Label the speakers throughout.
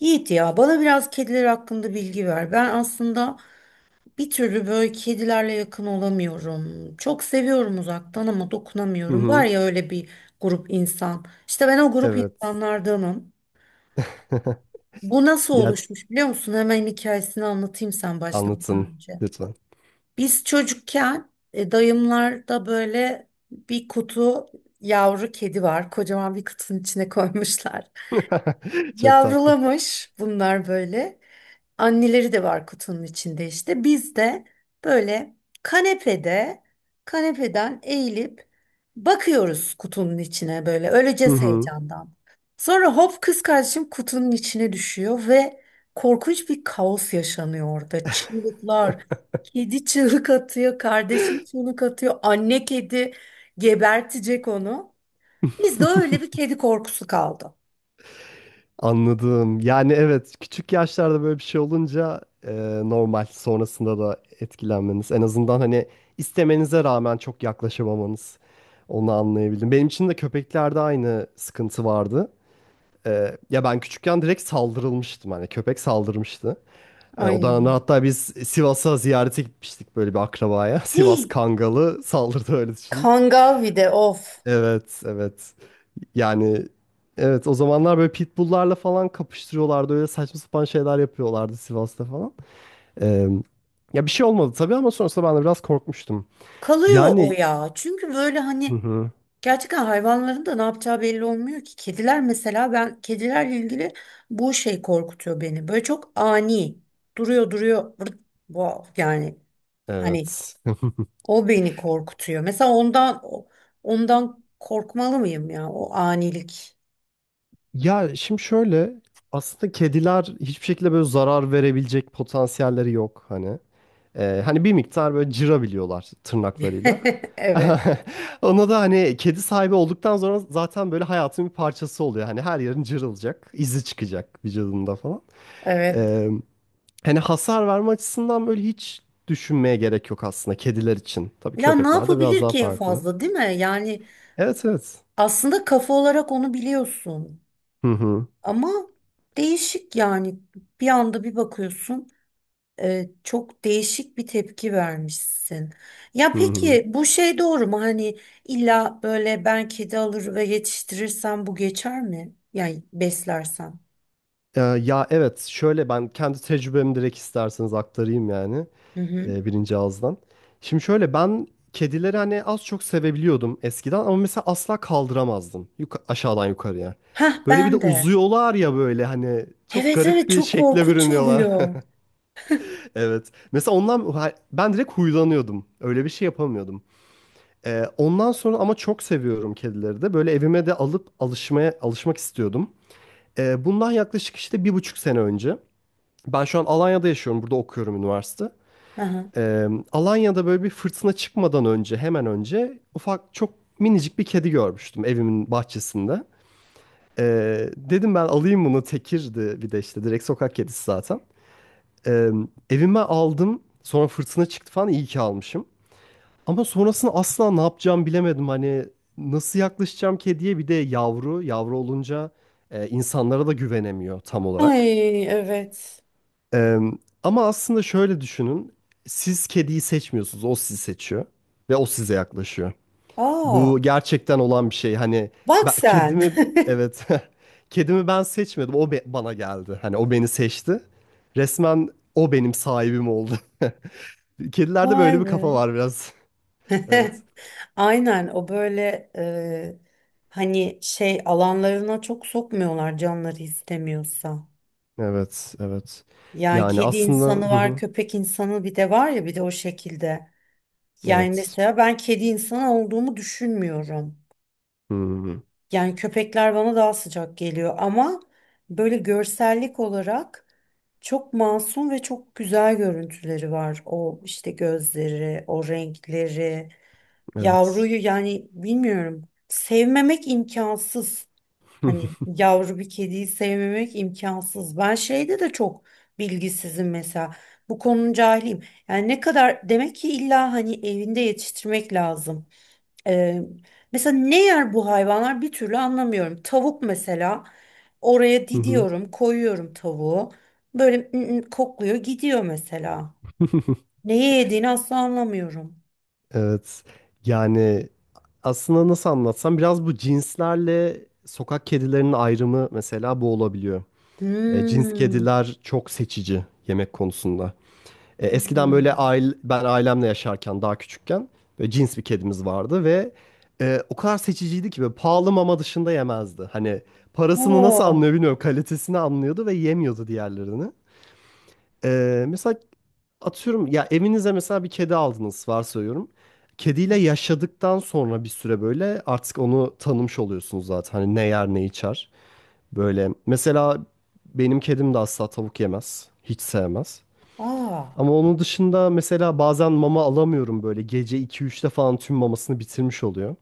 Speaker 1: Yiğit ya bana biraz kediler hakkında bilgi ver. Ben aslında bir türlü böyle kedilerle yakın olamıyorum. Çok seviyorum uzaktan ama
Speaker 2: Hı
Speaker 1: dokunamıyorum. Var
Speaker 2: hı.
Speaker 1: ya öyle bir grup insan. İşte ben o grup
Speaker 2: Evet.
Speaker 1: insanlardanım. Bu nasıl
Speaker 2: Ya
Speaker 1: oluşmuş biliyor musun? Hemen hikayesini anlatayım sen
Speaker 2: anlatın
Speaker 1: başlamadan önce.
Speaker 2: lütfen.
Speaker 1: Biz çocukken dayımlarda böyle bir kutu yavru kedi var. Kocaman bir kutunun içine koymuşlar.
Speaker 2: Çok tatlı.
Speaker 1: Yavrulamış bunlar böyle. Anneleri de var kutunun içinde işte. Biz de böyle kanepede, kanepeden eğilip bakıyoruz kutunun içine böyle
Speaker 2: Hı
Speaker 1: öleceğiz
Speaker 2: hı.
Speaker 1: heyecandan. Sonra hop kız kardeşim kutunun içine düşüyor ve korkunç bir kaos yaşanıyor orada. Çığlıklar, kedi çığlık atıyor, kardeşim çığlık atıyor, anne kedi gebertecek onu. Bizde öyle bir kedi korkusu kaldı.
Speaker 2: Anladım. Yani evet, küçük yaşlarda böyle bir şey olunca normal, sonrasında da etkilenmeniz. En azından hani istemenize rağmen çok yaklaşamamanız. Onu anlayabildim. Benim için de köpeklerde aynı sıkıntı vardı. Ya ben küçükken direkt saldırılmıştım. Hani köpek saldırmıştı.
Speaker 1: Ay.
Speaker 2: O da hatta biz Sivas'a ziyarete gitmiştik böyle bir akrabaya. Sivas Kangalı saldırdı, öyle düşün.
Speaker 1: Kangavi'de of.
Speaker 2: Evet, evet. Yani evet, o zamanlar böyle pitbulllarla falan kapıştırıyorlardı. Öyle saçma sapan şeyler yapıyorlardı Sivas'ta falan. E, Ya bir şey olmadı tabii, ama sonrasında ben de biraz korkmuştum.
Speaker 1: Kalıyor o
Speaker 2: Yani.
Speaker 1: ya. Çünkü böyle
Speaker 2: Hı
Speaker 1: hani
Speaker 2: hı.
Speaker 1: gerçekten hayvanların da ne yapacağı belli olmuyor ki. Kediler mesela ben kedilerle ilgili bu şey korkutuyor beni. Böyle çok ani duruyor duruyor vırt, wow, yani hani
Speaker 2: Evet.
Speaker 1: o beni korkutuyor. Mesela ondan korkmalı mıyım ya o anilik.
Speaker 2: Ya şimdi şöyle, aslında kediler hiçbir şekilde böyle zarar verebilecek potansiyelleri yok hani. Hani bir miktar böyle cırabiliyorlar tırnaklarıyla.
Speaker 1: Evet,
Speaker 2: Ona da hani kedi sahibi olduktan sonra zaten böyle hayatın bir parçası oluyor. Hani her yerin cırılacak, izi çıkacak vücudunda falan.
Speaker 1: evet.
Speaker 2: Ee, Hani hasar verme açısından böyle hiç düşünmeye gerek yok aslında kediler için. Tabii
Speaker 1: Ya ne
Speaker 2: köpekler de biraz
Speaker 1: yapabilir
Speaker 2: daha
Speaker 1: ki en
Speaker 2: farklı.
Speaker 1: fazla değil mi? Yani
Speaker 2: Evet, evet.
Speaker 1: aslında kafa olarak onu biliyorsun.
Speaker 2: Hı hı.
Speaker 1: Ama değişik yani bir anda bir bakıyorsun, çok değişik bir tepki vermişsin. Ya
Speaker 2: Hı hı.
Speaker 1: peki bu şey doğru mu? Hani illa böyle ben kedi alır ve yetiştirirsem bu geçer mi? Yani beslersem.
Speaker 2: Ya evet, şöyle ben kendi tecrübemi direkt isterseniz aktarayım, yani
Speaker 1: Hı hı.
Speaker 2: birinci ağızdan. Şimdi şöyle, ben kedileri hani az çok sevebiliyordum eskiden, ama mesela asla kaldıramazdım aşağıdan yukarıya.
Speaker 1: Hah
Speaker 2: Böyle bir de
Speaker 1: ben de.
Speaker 2: uzuyorlar ya böyle, hani çok
Speaker 1: Evet
Speaker 2: garip
Speaker 1: evet,
Speaker 2: bir
Speaker 1: çok
Speaker 2: şekle
Speaker 1: korkunç
Speaker 2: bürünüyorlar.
Speaker 1: oluyor.
Speaker 2: Evet, mesela ondan ben direkt huylanıyordum, öyle bir şey yapamıyordum. Ondan sonra ama çok seviyorum kedileri de, böyle evime de alıp alışmaya alışmak istiyordum. Bundan yaklaşık işte bir buçuk sene önce. Ben şu an Alanya'da yaşıyorum. Burada okuyorum, üniversite.
Speaker 1: Aha.
Speaker 2: Alanya'da böyle bir fırtına çıkmadan önce, hemen önce ufak, çok minicik bir kedi görmüştüm evimin bahçesinde. Dedim ben alayım bunu. Tekirdi bir de, işte direkt sokak kedisi zaten. Ee, Evime aldım. Sonra fırtına çıktı falan. İyi ki almışım. Ama sonrasında asla ne yapacağım bilemedim. Hani nasıl yaklaşacağım kediye? Bir de yavru. Yavru olunca insanlara da güvenemiyor tam olarak.
Speaker 1: Ay evet.
Speaker 2: Eee, Ama aslında şöyle düşünün. Siz kediyi seçmiyorsunuz. O sizi seçiyor. Ve o size yaklaşıyor.
Speaker 1: Aa,
Speaker 2: Bu gerçekten olan bir şey. Hani
Speaker 1: bak
Speaker 2: ben,
Speaker 1: sen.
Speaker 2: kedimi, evet, kedimi ben seçmedim. O bana geldi. Hani o beni seçti. Resmen o benim sahibim oldu. Kedilerde böyle
Speaker 1: Vay
Speaker 2: bir kafa
Speaker 1: be.
Speaker 2: var biraz. Evet.
Speaker 1: Aynen o böyle, hani şey alanlarına çok sokmuyorlar canları istemiyorsa.
Speaker 2: Evet, evet.
Speaker 1: Yani
Speaker 2: Yani
Speaker 1: kedi
Speaker 2: aslında,
Speaker 1: insanı
Speaker 2: hı
Speaker 1: var,
Speaker 2: hı,
Speaker 1: köpek insanı bir de var ya bir de o şekilde. Yani
Speaker 2: evet.
Speaker 1: mesela ben kedi insanı olduğumu düşünmüyorum.
Speaker 2: Hı hı,
Speaker 1: Yani köpekler bana daha sıcak geliyor ama böyle görsellik olarak çok masum ve çok güzel görüntüleri var. O işte gözleri, o renkleri,
Speaker 2: evet.
Speaker 1: yavruyu yani bilmiyorum. Sevmemek imkansız. Hani yavru bir kediyi sevmemek imkansız. Ben şeyde de çok bilgisizim mesela. Bu konunun cahiliyim. Yani ne kadar demek ki illa hani evinde yetiştirmek lazım. Ee, mesela ne yer bu hayvanlar bir türlü anlamıyorum. Tavuk mesela oraya
Speaker 2: Hı hı,
Speaker 1: didiyorum, koyuyorum tavuğu. Böyle "ı, ı" kokluyor, gidiyor mesela. Neye yediğini asla anlamıyorum.
Speaker 2: evet. Yani aslında nasıl anlatsam, biraz bu cinslerle sokak kedilerinin ayrımı mesela bu olabiliyor. Cins
Speaker 1: Hmm.
Speaker 2: kediler çok seçici yemek konusunda. Eskiden böyle
Speaker 1: Hmm.
Speaker 2: aile, ben ailemle yaşarken daha küçükken böyle cins bir kedimiz vardı ve o kadar seçiciydi ki böyle pahalı mama dışında yemezdi. Hani parasını nasıl
Speaker 1: Oo.
Speaker 2: anlıyor bilmiyorum, kalitesini anlıyordu ve yemiyordu diğerlerini. E, mesela Atıyorum ya, evinize mesela bir kedi aldınız, varsayıyorum. Kediyle yaşadıktan sonra bir süre böyle artık onu tanımış oluyorsunuz zaten. Hani ne yer, ne içer. Böyle mesela benim kedim de asla tavuk yemez. Hiç sevmez.
Speaker 1: Aa.
Speaker 2: Ama onun dışında mesela bazen mama alamıyorum böyle. Gece iki 3te falan tüm mamasını bitirmiş oluyor.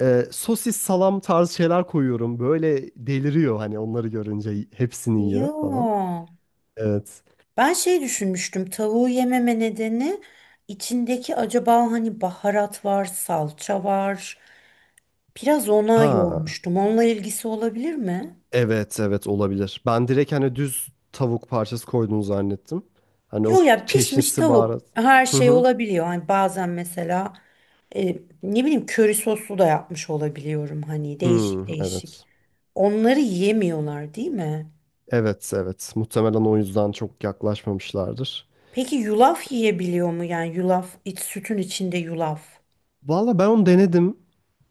Speaker 2: Sosis, salam tarzı şeyler koyuyorum. Böyle deliriyor, hani onları görünce hepsini
Speaker 1: Ya.
Speaker 2: yiyor falan. Evet.
Speaker 1: Ben şey düşünmüştüm, tavuğu yememe nedeni içindeki acaba hani baharat var, salça var. Biraz ona
Speaker 2: Ha.
Speaker 1: yormuştum. Onunla ilgisi olabilir mi?
Speaker 2: Evet, evet, olabilir. Ben direkt hani düz tavuk parçası koyduğunu zannettim. Hani o
Speaker 1: Yok ya, pişmiş
Speaker 2: çeşnisi,
Speaker 1: tavuk
Speaker 2: baharat.
Speaker 1: her
Speaker 2: Hı
Speaker 1: şey
Speaker 2: hı.
Speaker 1: olabiliyor. Hani bazen mesela, e, ne bileyim köri soslu da yapmış olabiliyorum hani
Speaker 2: Hı,
Speaker 1: değişik değişik.
Speaker 2: evet.
Speaker 1: Onları yiyemiyorlar değil mi?
Speaker 2: Evet, evet. Muhtemelen o yüzden çok yaklaşmamışlardır.
Speaker 1: Peki yulaf yiyebiliyor mu? Yani yulaf iç, sütün içinde yulaf.
Speaker 2: Valla, ben onu denedim.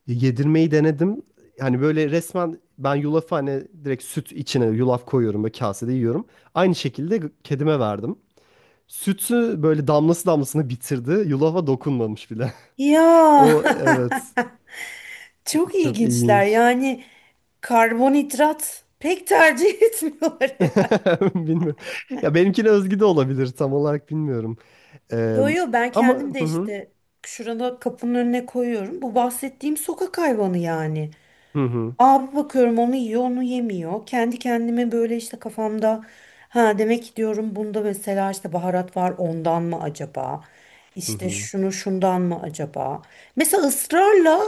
Speaker 2: Yedirmeyi denedim. Hani böyle resmen ben yulafı, hani direkt süt içine yulaf koyuyorum ve kasede yiyorum. Aynı şekilde kedime verdim. Sütü böyle damlası damlasına bitirdi. Yulafa dokunmamış bile.
Speaker 1: Ya.
Speaker 2: O, evet.
Speaker 1: Çok
Speaker 2: Çok
Speaker 1: ilginçler
Speaker 2: ilginç.
Speaker 1: yani, karbonhidrat pek tercih etmiyorlar herhalde.
Speaker 2: Bilmiyorum. Ya benimkine özgü de olabilir. Tam olarak bilmiyorum. Eee,
Speaker 1: Yo yo, ben
Speaker 2: Ama
Speaker 1: kendim de
Speaker 2: hı hı,
Speaker 1: işte şurada kapının önüne koyuyorum. Bu bahsettiğim sokak hayvanı yani.
Speaker 2: hı hı,
Speaker 1: Abi bakıyorum onu yiyor onu yemiyor. Kendi kendime böyle işte kafamda ha demek ki diyorum bunda mesela işte baharat var ondan mı acaba?
Speaker 2: hı
Speaker 1: İşte
Speaker 2: hı.
Speaker 1: şunu şundan mı acaba? Mesela ısrarla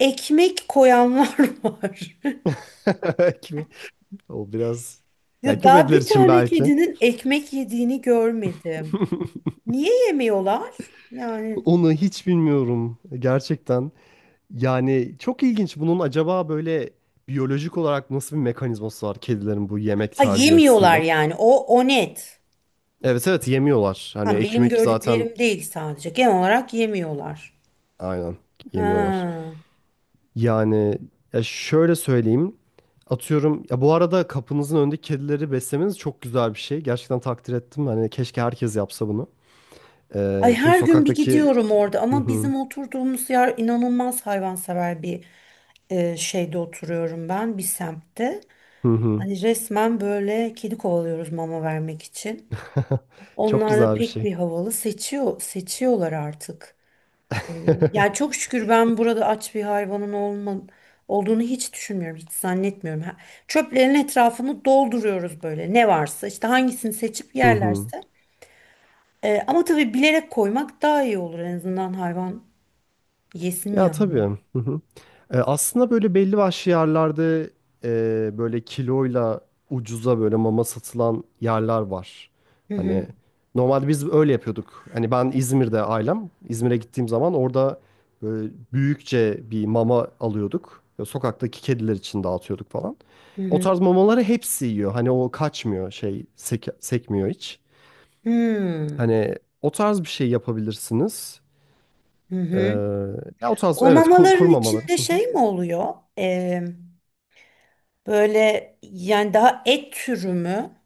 Speaker 1: ekmek koyanlar var.
Speaker 2: Kimi? O biraz, ya
Speaker 1: Ya daha
Speaker 2: köpekler
Speaker 1: bir
Speaker 2: için
Speaker 1: tane
Speaker 2: belki.
Speaker 1: kedinin ekmek yediğini görmedim. Niye yemiyorlar? Yani
Speaker 2: Onu hiç bilmiyorum gerçekten. Yani çok ilginç. Bunun acaba böyle biyolojik olarak nasıl bir mekanizması var kedilerin, bu yemek
Speaker 1: ha
Speaker 2: tercihi
Speaker 1: yemiyorlar
Speaker 2: açısından?
Speaker 1: yani o net.
Speaker 2: Evet, evet, yemiyorlar. Hani
Speaker 1: Ha benim
Speaker 2: ekmek zaten,
Speaker 1: gördüklerim değil sadece. Genel olarak yemiyorlar.
Speaker 2: aynen, yemiyorlar.
Speaker 1: Ha.
Speaker 2: Yani ya şöyle söyleyeyim. Atıyorum ya, bu arada kapınızın önündeki kedileri beslemeniz çok güzel bir şey. Gerçekten takdir ettim. Hani keşke herkes yapsa bunu.
Speaker 1: Ay
Speaker 2: Çünkü
Speaker 1: her gün bir
Speaker 2: sokaktaki.
Speaker 1: gidiyorum orada
Speaker 2: Hı
Speaker 1: ama
Speaker 2: hı,
Speaker 1: bizim oturduğumuz yer inanılmaz hayvansever bir, şeyde oturuyorum ben bir semtte.
Speaker 2: hı hı.
Speaker 1: Hani resmen böyle kedi kovalıyoruz mama vermek için.
Speaker 2: Çok
Speaker 1: Onlar da
Speaker 2: güzel bir
Speaker 1: pek
Speaker 2: şey.
Speaker 1: bir havalı seçiyorlar artık. Ya çok şükür ben burada aç bir hayvanın olma, olduğunu hiç düşünmüyorum, hiç zannetmiyorum. Ha- Çöplerin etrafını dolduruyoruz böyle ne varsa işte hangisini seçip
Speaker 2: Hı hı.
Speaker 1: yerlerse. Ama tabii bilerek koymak daha iyi olur, en azından hayvan yesin
Speaker 2: Ya
Speaker 1: yani.
Speaker 2: tabii. Hı hı. Aslında böyle belli başlı yerlerde böyle kiloyla ucuza böyle mama satılan yerler var.
Speaker 1: Hı hı,
Speaker 2: Hani normalde biz öyle yapıyorduk. Hani ben İzmir'de, ailem. İzmir'e gittiğim zaman orada böyle büyükçe bir mama alıyorduk. Ya sokaktaki kediler için dağıtıyorduk falan.
Speaker 1: hı
Speaker 2: O
Speaker 1: hı.
Speaker 2: tarz mamaları hepsi yiyor. Hani o kaçmıyor, şey, sekmiyor hiç.
Speaker 1: Hmm,
Speaker 2: Hani o tarz bir şey yapabilirsiniz.
Speaker 1: hı
Speaker 2: Ee,
Speaker 1: hı.
Speaker 2: Ya o tarz,
Speaker 1: O
Speaker 2: evet, kur,
Speaker 1: mamaların
Speaker 2: kurmamaları.
Speaker 1: içinde şey mi oluyor? Böyle yani daha et türü mü?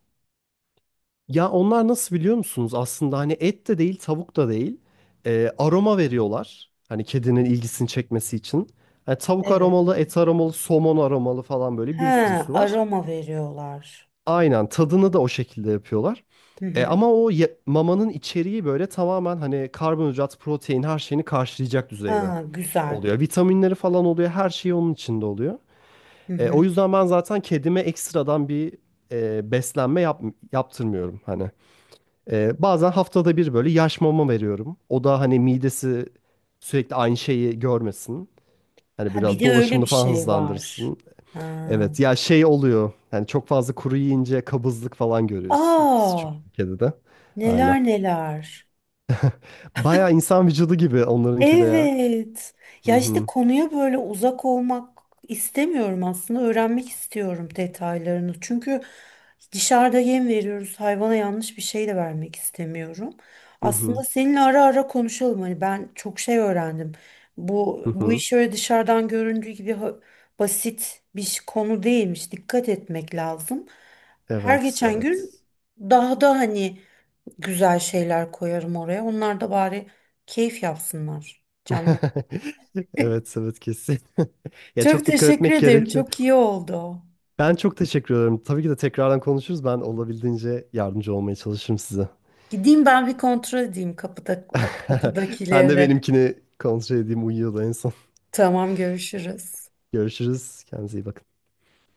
Speaker 2: Ya onlar nasıl biliyor musunuz? Aslında hani et de değil, tavuk da değil. Aroma veriyorlar. Hani kedinin ilgisini çekmesi için. Hani tavuk
Speaker 1: Evet.
Speaker 2: aromalı, et aromalı, somon aromalı falan böyle bir
Speaker 1: Ha,
Speaker 2: sürüsü var.
Speaker 1: aroma veriyorlar.
Speaker 2: Aynen, tadını da o şekilde yapıyorlar.
Speaker 1: Hı hı.
Speaker 2: Ama o mamanın içeriği böyle tamamen hani karbonhidrat, protein, her şeyini karşılayacak düzeyde
Speaker 1: Ha, güzel.
Speaker 2: oluyor. Vitaminleri falan oluyor. Her şey onun içinde oluyor.
Speaker 1: Hı
Speaker 2: O
Speaker 1: hı.
Speaker 2: yüzden ben zaten kedime ekstradan bir beslenme yaptırmıyorum hani. Bazen haftada bir böyle yaş mama veriyorum. O da hani midesi sürekli aynı şeyi görmesin. Hani
Speaker 1: Ha bir
Speaker 2: biraz
Speaker 1: de öyle bir
Speaker 2: dolaşımını falan
Speaker 1: şey var.
Speaker 2: hızlandırsın.
Speaker 1: Ha.
Speaker 2: Evet, ya şey oluyor. Yani çok fazla kuru yiyince kabızlık falan görüyorsunuz
Speaker 1: Aa,
Speaker 2: çünkü kedide. Aynen.
Speaker 1: neler neler.
Speaker 2: Bayağı insan vücudu gibi onlarınki de ya.
Speaker 1: Evet.
Speaker 2: Hı
Speaker 1: Ya işte
Speaker 2: hı,
Speaker 1: konuya böyle uzak olmak istemiyorum aslında. Öğrenmek istiyorum detaylarını. Çünkü dışarıda yem veriyoruz. Hayvana yanlış bir şey de vermek istemiyorum.
Speaker 2: hı
Speaker 1: Aslında
Speaker 2: hı,
Speaker 1: seninle ara ara konuşalım. Hani ben çok şey öğrendim. Bu
Speaker 2: hı.
Speaker 1: bu
Speaker 2: Hı.
Speaker 1: iş öyle dışarıdan göründüğü gibi ha- basit bir ş- konu değilmiş. Dikkat etmek lazım. Her
Speaker 2: Evet,
Speaker 1: geçen gün
Speaker 2: evet.
Speaker 1: daha da hani güzel şeyler koyarım oraya. Onlar da bari keyif yapsınlar canlar.
Speaker 2: Evet, evet, kesin. Ya
Speaker 1: Çok
Speaker 2: çok dikkat
Speaker 1: teşekkür
Speaker 2: etmek
Speaker 1: ederim.
Speaker 2: gerekiyor.
Speaker 1: Çok iyi oldu.
Speaker 2: Ben çok teşekkür ederim. Tabii ki de tekrardan konuşuruz. Ben olabildiğince yardımcı olmaya çalışırım size.
Speaker 1: Gideyim ben bir kontrol edeyim kapıda,
Speaker 2: Ben de
Speaker 1: kapıdakileri.
Speaker 2: benimkini kontrol edeyim. Uyuyordu en son.
Speaker 1: Tamam, görüşürüz.
Speaker 2: Görüşürüz. Kendinize iyi bakın.